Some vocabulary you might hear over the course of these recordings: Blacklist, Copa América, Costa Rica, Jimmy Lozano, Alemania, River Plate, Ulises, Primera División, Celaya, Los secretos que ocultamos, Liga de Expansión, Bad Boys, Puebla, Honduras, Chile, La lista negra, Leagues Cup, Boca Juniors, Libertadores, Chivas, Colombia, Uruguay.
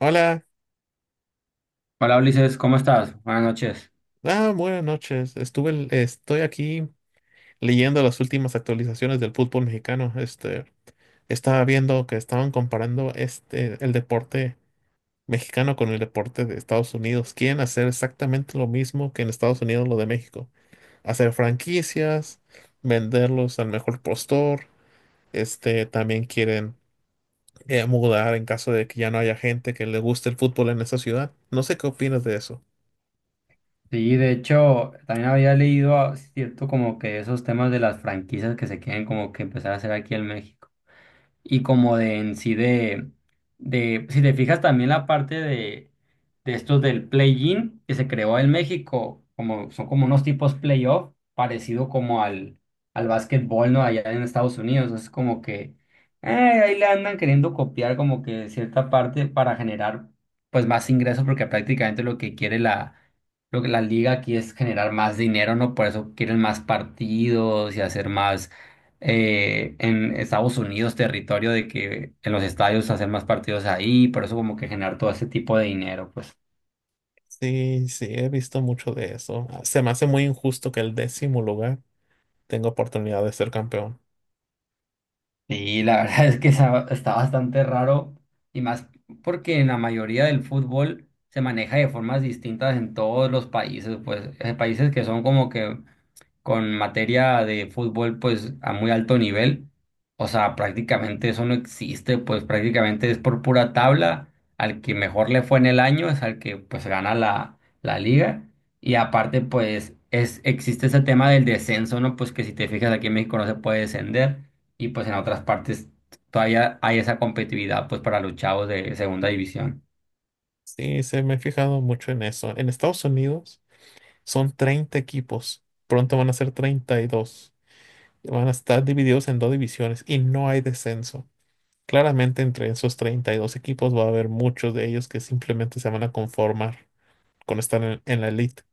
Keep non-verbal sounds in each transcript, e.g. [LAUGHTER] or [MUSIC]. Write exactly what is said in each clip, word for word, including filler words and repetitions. Hola, Hola Ulises, ¿cómo estás? Buenas noches. ah, buenas noches. Estuve, l- estoy aquí leyendo las últimas actualizaciones del fútbol mexicano. Este, estaba viendo que estaban comparando este, el deporte mexicano con el deporte de Estados Unidos. Quieren hacer exactamente lo mismo que en Estados Unidos lo de México. Hacer franquicias, venderlos al mejor postor. Este, también quieren eh, mudar en caso de que ya no haya gente que le guste el fútbol en esa ciudad. No sé qué opinas de eso. Sí, de hecho, también había leído, ah, cierto, como que esos temas de las franquicias que se quieren como que empezar a hacer aquí en México. Y como de en sí de, de si te fijas también la parte de, de estos del play-in que se creó en México, como son como unos tipos playoff parecido como al, al básquetbol, ¿no? Allá en Estados Unidos, es como que eh, ahí le andan queriendo copiar como que cierta parte para generar pues más ingresos porque prácticamente lo que quiere la lo que la liga aquí es generar más dinero, ¿no? Por eso quieren más partidos y hacer más eh, en Estados Unidos territorio de que en los estadios hacer más partidos ahí, por eso como que generar todo ese tipo de dinero, pues. Sí, sí, he visto mucho de eso. Ah, Se me hace muy injusto que el décimo lugar tenga oportunidad de ser campeón. Y la [LAUGHS] verdad es que esa- está bastante raro y más porque en la mayoría del fútbol se maneja de formas distintas en todos los países, pues hay países que son como que con materia de fútbol pues a muy alto nivel. O sea, prácticamente eso no existe, pues prácticamente es por pura tabla. Al que mejor le fue en el año es al que pues gana la, la liga. Y aparte pues es, existe ese tema del descenso, ¿no? Pues que si te fijas aquí en México no se puede descender y pues en otras partes todavía hay esa competitividad pues para los chavos de segunda división. Sí, se me he fijado mucho en eso. En Estados Unidos son treinta equipos. Pronto van a ser treinta y dos. Y van a estar divididos en dos divisiones y no hay descenso. Claramente entre esos treinta y dos equipos va a haber muchos de ellos que simplemente se van a conformar con estar en, en la elite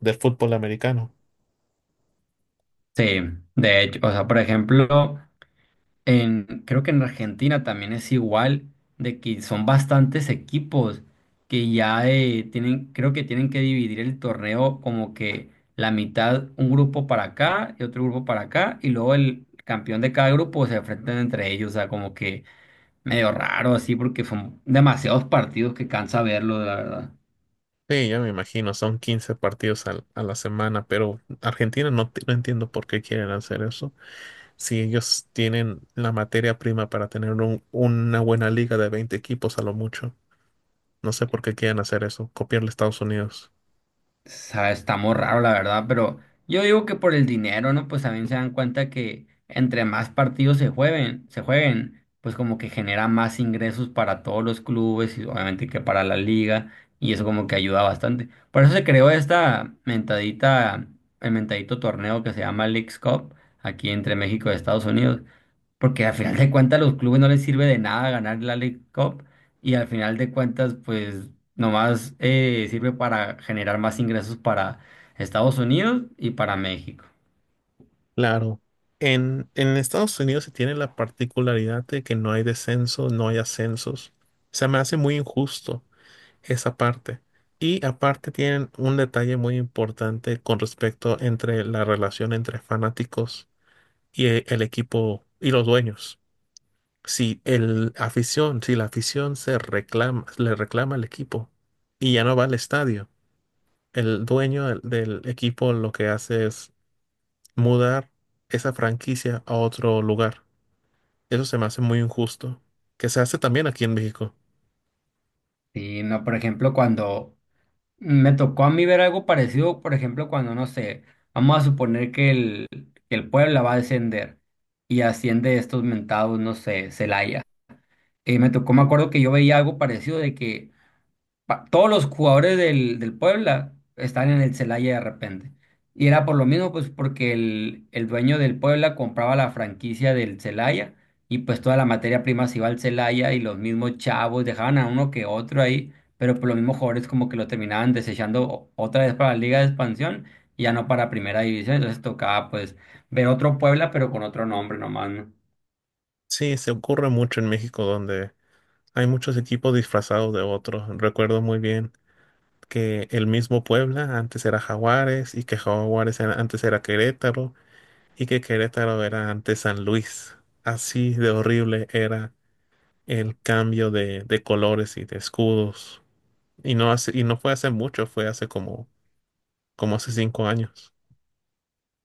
del fútbol americano. Sí, de hecho, o sea, por ejemplo... En, creo que en Argentina también es igual, de que son bastantes equipos que ya eh, tienen, creo que tienen que dividir el torneo como que la mitad, un grupo para acá y otro grupo para acá, y luego el campeón de cada grupo se enfrentan entre ellos, o sea, como que medio raro así, porque son demasiados partidos que cansa verlo, la verdad. Sí, ya me imagino, son quince partidos al- a la semana, pero Argentina no, te- no entiendo por qué quieren hacer eso. Si ellos tienen la materia prima para tener un- una buena liga de veinte equipos a lo mucho, no sé por qué quieren hacer eso, copiarle a Estados Unidos. Sa- Está muy raro, la verdad, pero yo digo que por el dinero, ¿no? Pues también se dan cuenta que entre más partidos se jueguen, se jueguen, pues como que genera más ingresos para todos los clubes y obviamente que para la liga, y eso como que ayuda bastante. Por eso se creó esta mentadita, el mentadito torneo que se llama Leagues Cup, aquí entre México y Estados Unidos, porque al final de cuentas los clubes no les sirve de nada ganar la League Cup y al final de cuentas pues nomás eh, sirve para generar más ingresos para Estados Unidos y para México. Claro. En, en Estados Unidos se tiene la particularidad de que no hay descenso, no hay ascensos. Se me hace muy injusto esa parte. Y aparte tienen un detalle muy importante con respecto entre la relación entre fanáticos y e- el equipo y los dueños. Si el afición, si la afición se reclama, le reclama al equipo y ya no va al estadio, el dueño del del equipo lo que hace es mudar esa franquicia a otro lugar. Eso se me hace muy injusto, que se hace también aquí en México. Y no, por ejemplo, cuando me tocó a mí ver algo parecido, por ejemplo, cuando no sé, vamos a suponer que el, que el Puebla va a descender y asciende estos mentados, no sé, Celaya. Eh, me tocó, me acuerdo que yo veía algo parecido de que pa- todos los jugadores del, del Puebla están en el Celaya de repente. Y era por lo mismo, pues porque el, el dueño del Puebla compraba la franquicia del Celaya y pues toda la materia prima se iba al Celaya y los mismos chavos dejaban a uno que otro ahí, pero por los mismos jugadores como que lo terminaban desechando o- otra vez para la Liga de Expansión y ya no para Primera División. Entonces tocaba pues ver otro Puebla pero con otro nombre nomás, ¿no? Sí, se ocurre mucho en México donde hay muchos equipos disfrazados de otros. Recuerdo muy bien que el mismo Puebla antes era Jaguares y que Jaguares era- antes era Querétaro y que Querétaro era antes San Luis. Así de horrible era el cambio de, de colores y de escudos. Y no hace, y no fue hace mucho, fue hace como, como hace cinco años.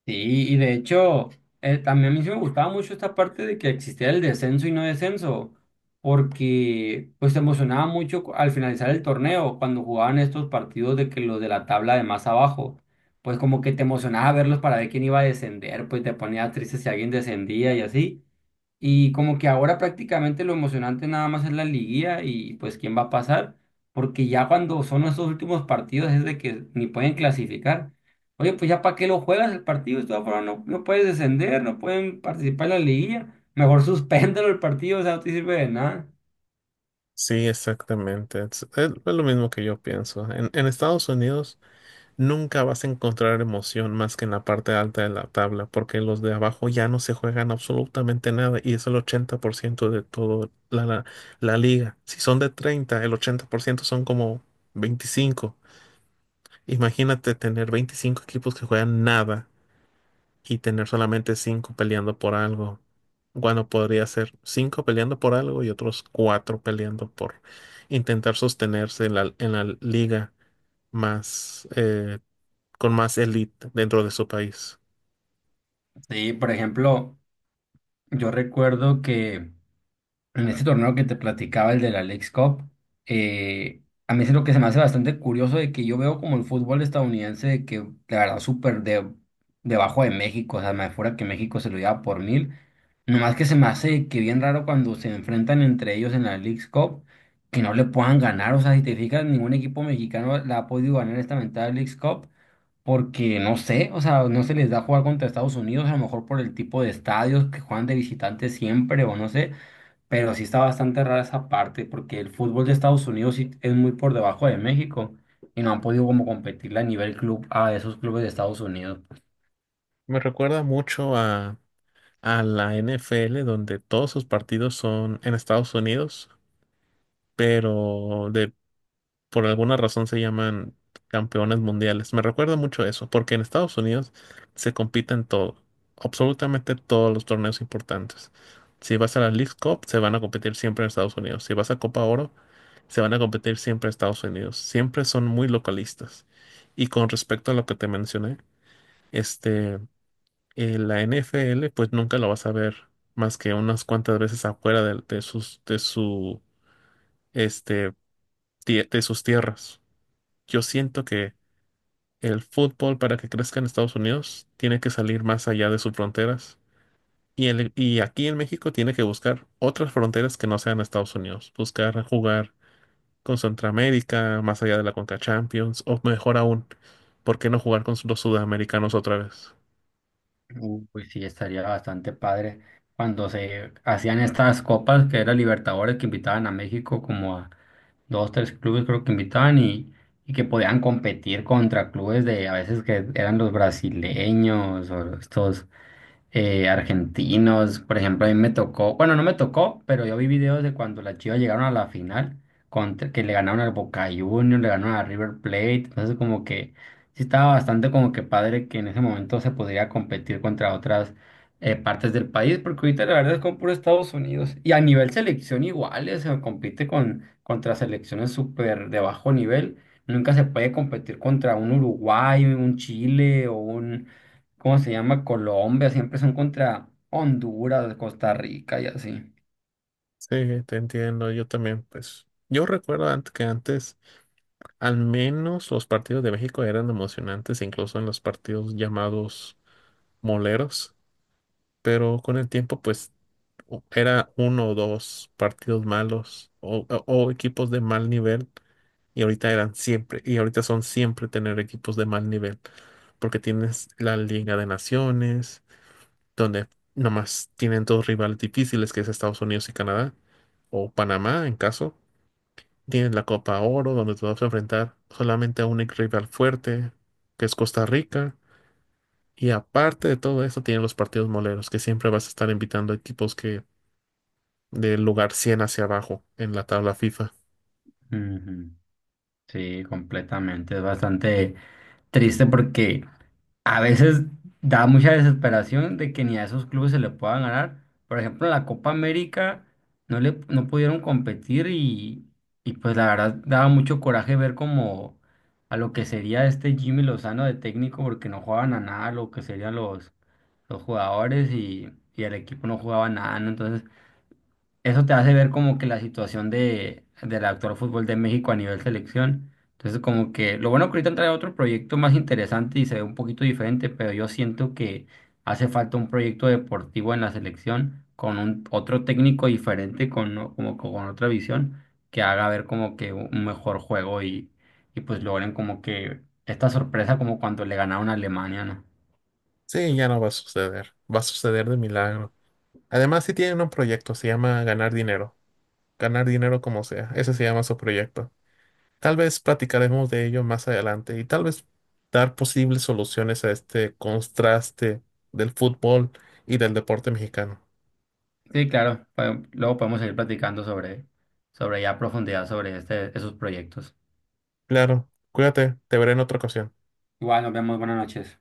Sí, y de hecho, eh, también a mí sí me gustaba mucho esta parte de que existía el descenso y no descenso, porque pues se emocionaba mucho cu- al finalizar el torneo, cuando jugaban estos partidos de que los de la tabla de más abajo, pues como que te emocionaba verlos para ver quién iba a descender, pues te ponías triste si alguien descendía y así. Y como que ahora prácticamente lo emocionante nada más es la liguilla y pues quién va a pasar, porque ya cuando son esos últimos partidos es de que ni pueden clasificar. Oye, pues ya para qué lo juegas el partido, de todas formas no, no puedes descender, no pueden participar en la liguilla, mejor [LAUGHS] suspéndelo el partido, o sea, no te sirve de nada. Sí, exactamente. Es, es- es lo mismo que yo pienso. En, en Estados Unidos nunca vas a encontrar emoción más que en la parte alta de la tabla, porque los de abajo ya no se juegan absolutamente nada y es el ochenta por ciento de toda la, la, la liga. Si son de treinta, el ochenta por ciento son como veinticinco. Imagínate tener veinticinco equipos que juegan nada y tener solamente cinco peleando por algo. Bueno, podría ser cinco peleando por algo y otros cuatro peleando por intentar sostenerse en la, en la liga más eh, con más elite dentro de su país. Sí, por ejemplo, yo recuerdo que en ese torneo que te platicaba, el de la Leagues Cup, eh, a mí es lo que se me hace bastante curioso de que yo veo como el fútbol estadounidense de que la verdad súper de, debajo de México, o sea, me fuera que México se lo lleva por mil, nomás que se me hace que bien raro cuando se enfrentan entre ellos en la Leagues Cup, que no le puedan ganar, o sea, si te fijas, ningún equipo mexicano la ha podido ganar esta mentada Leagues Cup, porque no sé, o sea, no se les da jugar contra Estados Unidos, a lo mejor por el tipo de estadios que juegan de visitantes siempre, o no sé. Pero sí está bastante rara esa parte porque el fútbol de Estados Unidos sí es muy por debajo de México y no han podido como competirle a nivel club a esos clubes de Estados Unidos. Me recuerda mucho a, a la N F L, donde todos sus partidos son en Estados Unidos, pero de por alguna razón se llaman campeones mundiales. Me recuerda mucho eso, porque en Estados Unidos se compite en todo, absolutamente todos los torneos importantes. Si vas a la Leagues Cup, se van a competir siempre en Estados Unidos. Si vas a Copa Oro, se van a competir siempre en Estados Unidos. Siempre son muy localistas. Y con respecto a lo que te mencioné, este, eh, la N F L, pues nunca lo vas a ver más que unas cuantas veces afuera de, de sus, de su, este, tie- de sus tierras. Yo siento que El fútbol para que crezca en Estados Unidos tiene que salir más allá de sus fronteras y, el- y aquí en México tiene que buscar otras fronteras que no sean Estados Unidos, buscar jugar con Centroamérica, más allá de la Conca Champions o mejor aún, ¿por qué no jugar con los sudamericanos otra vez? Uh, Pues sí, estaría bastante padre cuando se hacían estas copas que era Libertadores que invitaban a México como a dos, tres clubes creo que invitaban y, y que podían competir contra clubes de a veces que eran los brasileños o estos eh, argentinos. Por ejemplo, a mí me tocó, bueno, no me tocó, pero yo vi videos de cuando las Chivas llegaron a la final, contra- que le ganaron al Boca Juniors, le ganaron a River Plate. Entonces, como que sí estaba bastante como que padre que en ese momento se podría competir contra otras eh, partes del país, porque ahorita la verdad es como puro Estados Unidos. Y a nivel selección igual, eh, se compite con, contra selecciones súper de bajo nivel. Nunca se puede competir contra un Uruguay, un Chile o un ¿cómo se llama? Colombia, siempre son contra Honduras, Costa Rica y así. Sí, te entiendo, yo también, pues yo recuerdo antes que antes al menos los partidos de México eran emocionantes, incluso en los partidos llamados moleros, pero con el tiempo pues o- era uno o dos partidos malos o, o- o equipos de mal nivel, y ahorita eran siempre, y ahorita son siempre tener equipos de mal nivel, porque tienes la Liga de Naciones, donde nomás tienen dos rivales difíciles, que es Estados Unidos y Canadá, o Panamá en caso, tienes la Copa Oro, donde te vas a enfrentar solamente a un ex rival fuerte, que es Costa Rica. Y aparte de todo eso, tienen los partidos moleros, que siempre vas a estar invitando a equipos que del lugar cien hacia abajo en la tabla FIFA. Ujú. Sí, completamente. Es bastante triste porque a veces da mucha desesperación de que ni a esos clubes se le pueda ganar. Por ejemplo, en la Copa América no le no pudieron competir y, y pues la verdad daba mucho coraje ver como a lo que sería este Jimmy Lozano de técnico porque no jugaban a nada, lo que serían los, los jugadores y, y el equipo no jugaba nada, ¿no? Entonces eso te hace ver como que la situación de, del actual fútbol de México a nivel selección. Entonces, como que lo bueno que ahorita trae otro proyecto más interesante y se ve un poquito diferente, pero yo siento que hace falta un proyecto deportivo en la selección con un, otro técnico diferente, con, o- como, que con otra visión, que haga ver como que un mejor juego y, y pues logren como que esta sorpresa como cuando le ganaron a Alemania, ¿no? Sí, ya no va a suceder. Va a suceder de milagro. Además, sí tienen un proyecto, se llama ganar dinero. Ganar dinero como sea. Ese se llama su proyecto. Tal vez platicaremos de ello más adelante y tal vez dar posibles soluciones a este contraste del fútbol y del deporte mexicano. Sí, claro, pa- luego podemos seguir platicando sobre, sobre ya a profundidad sobre este, esos proyectos. Claro, cuídate, te veré en otra ocasión. Igual, nos vemos, buenas noches.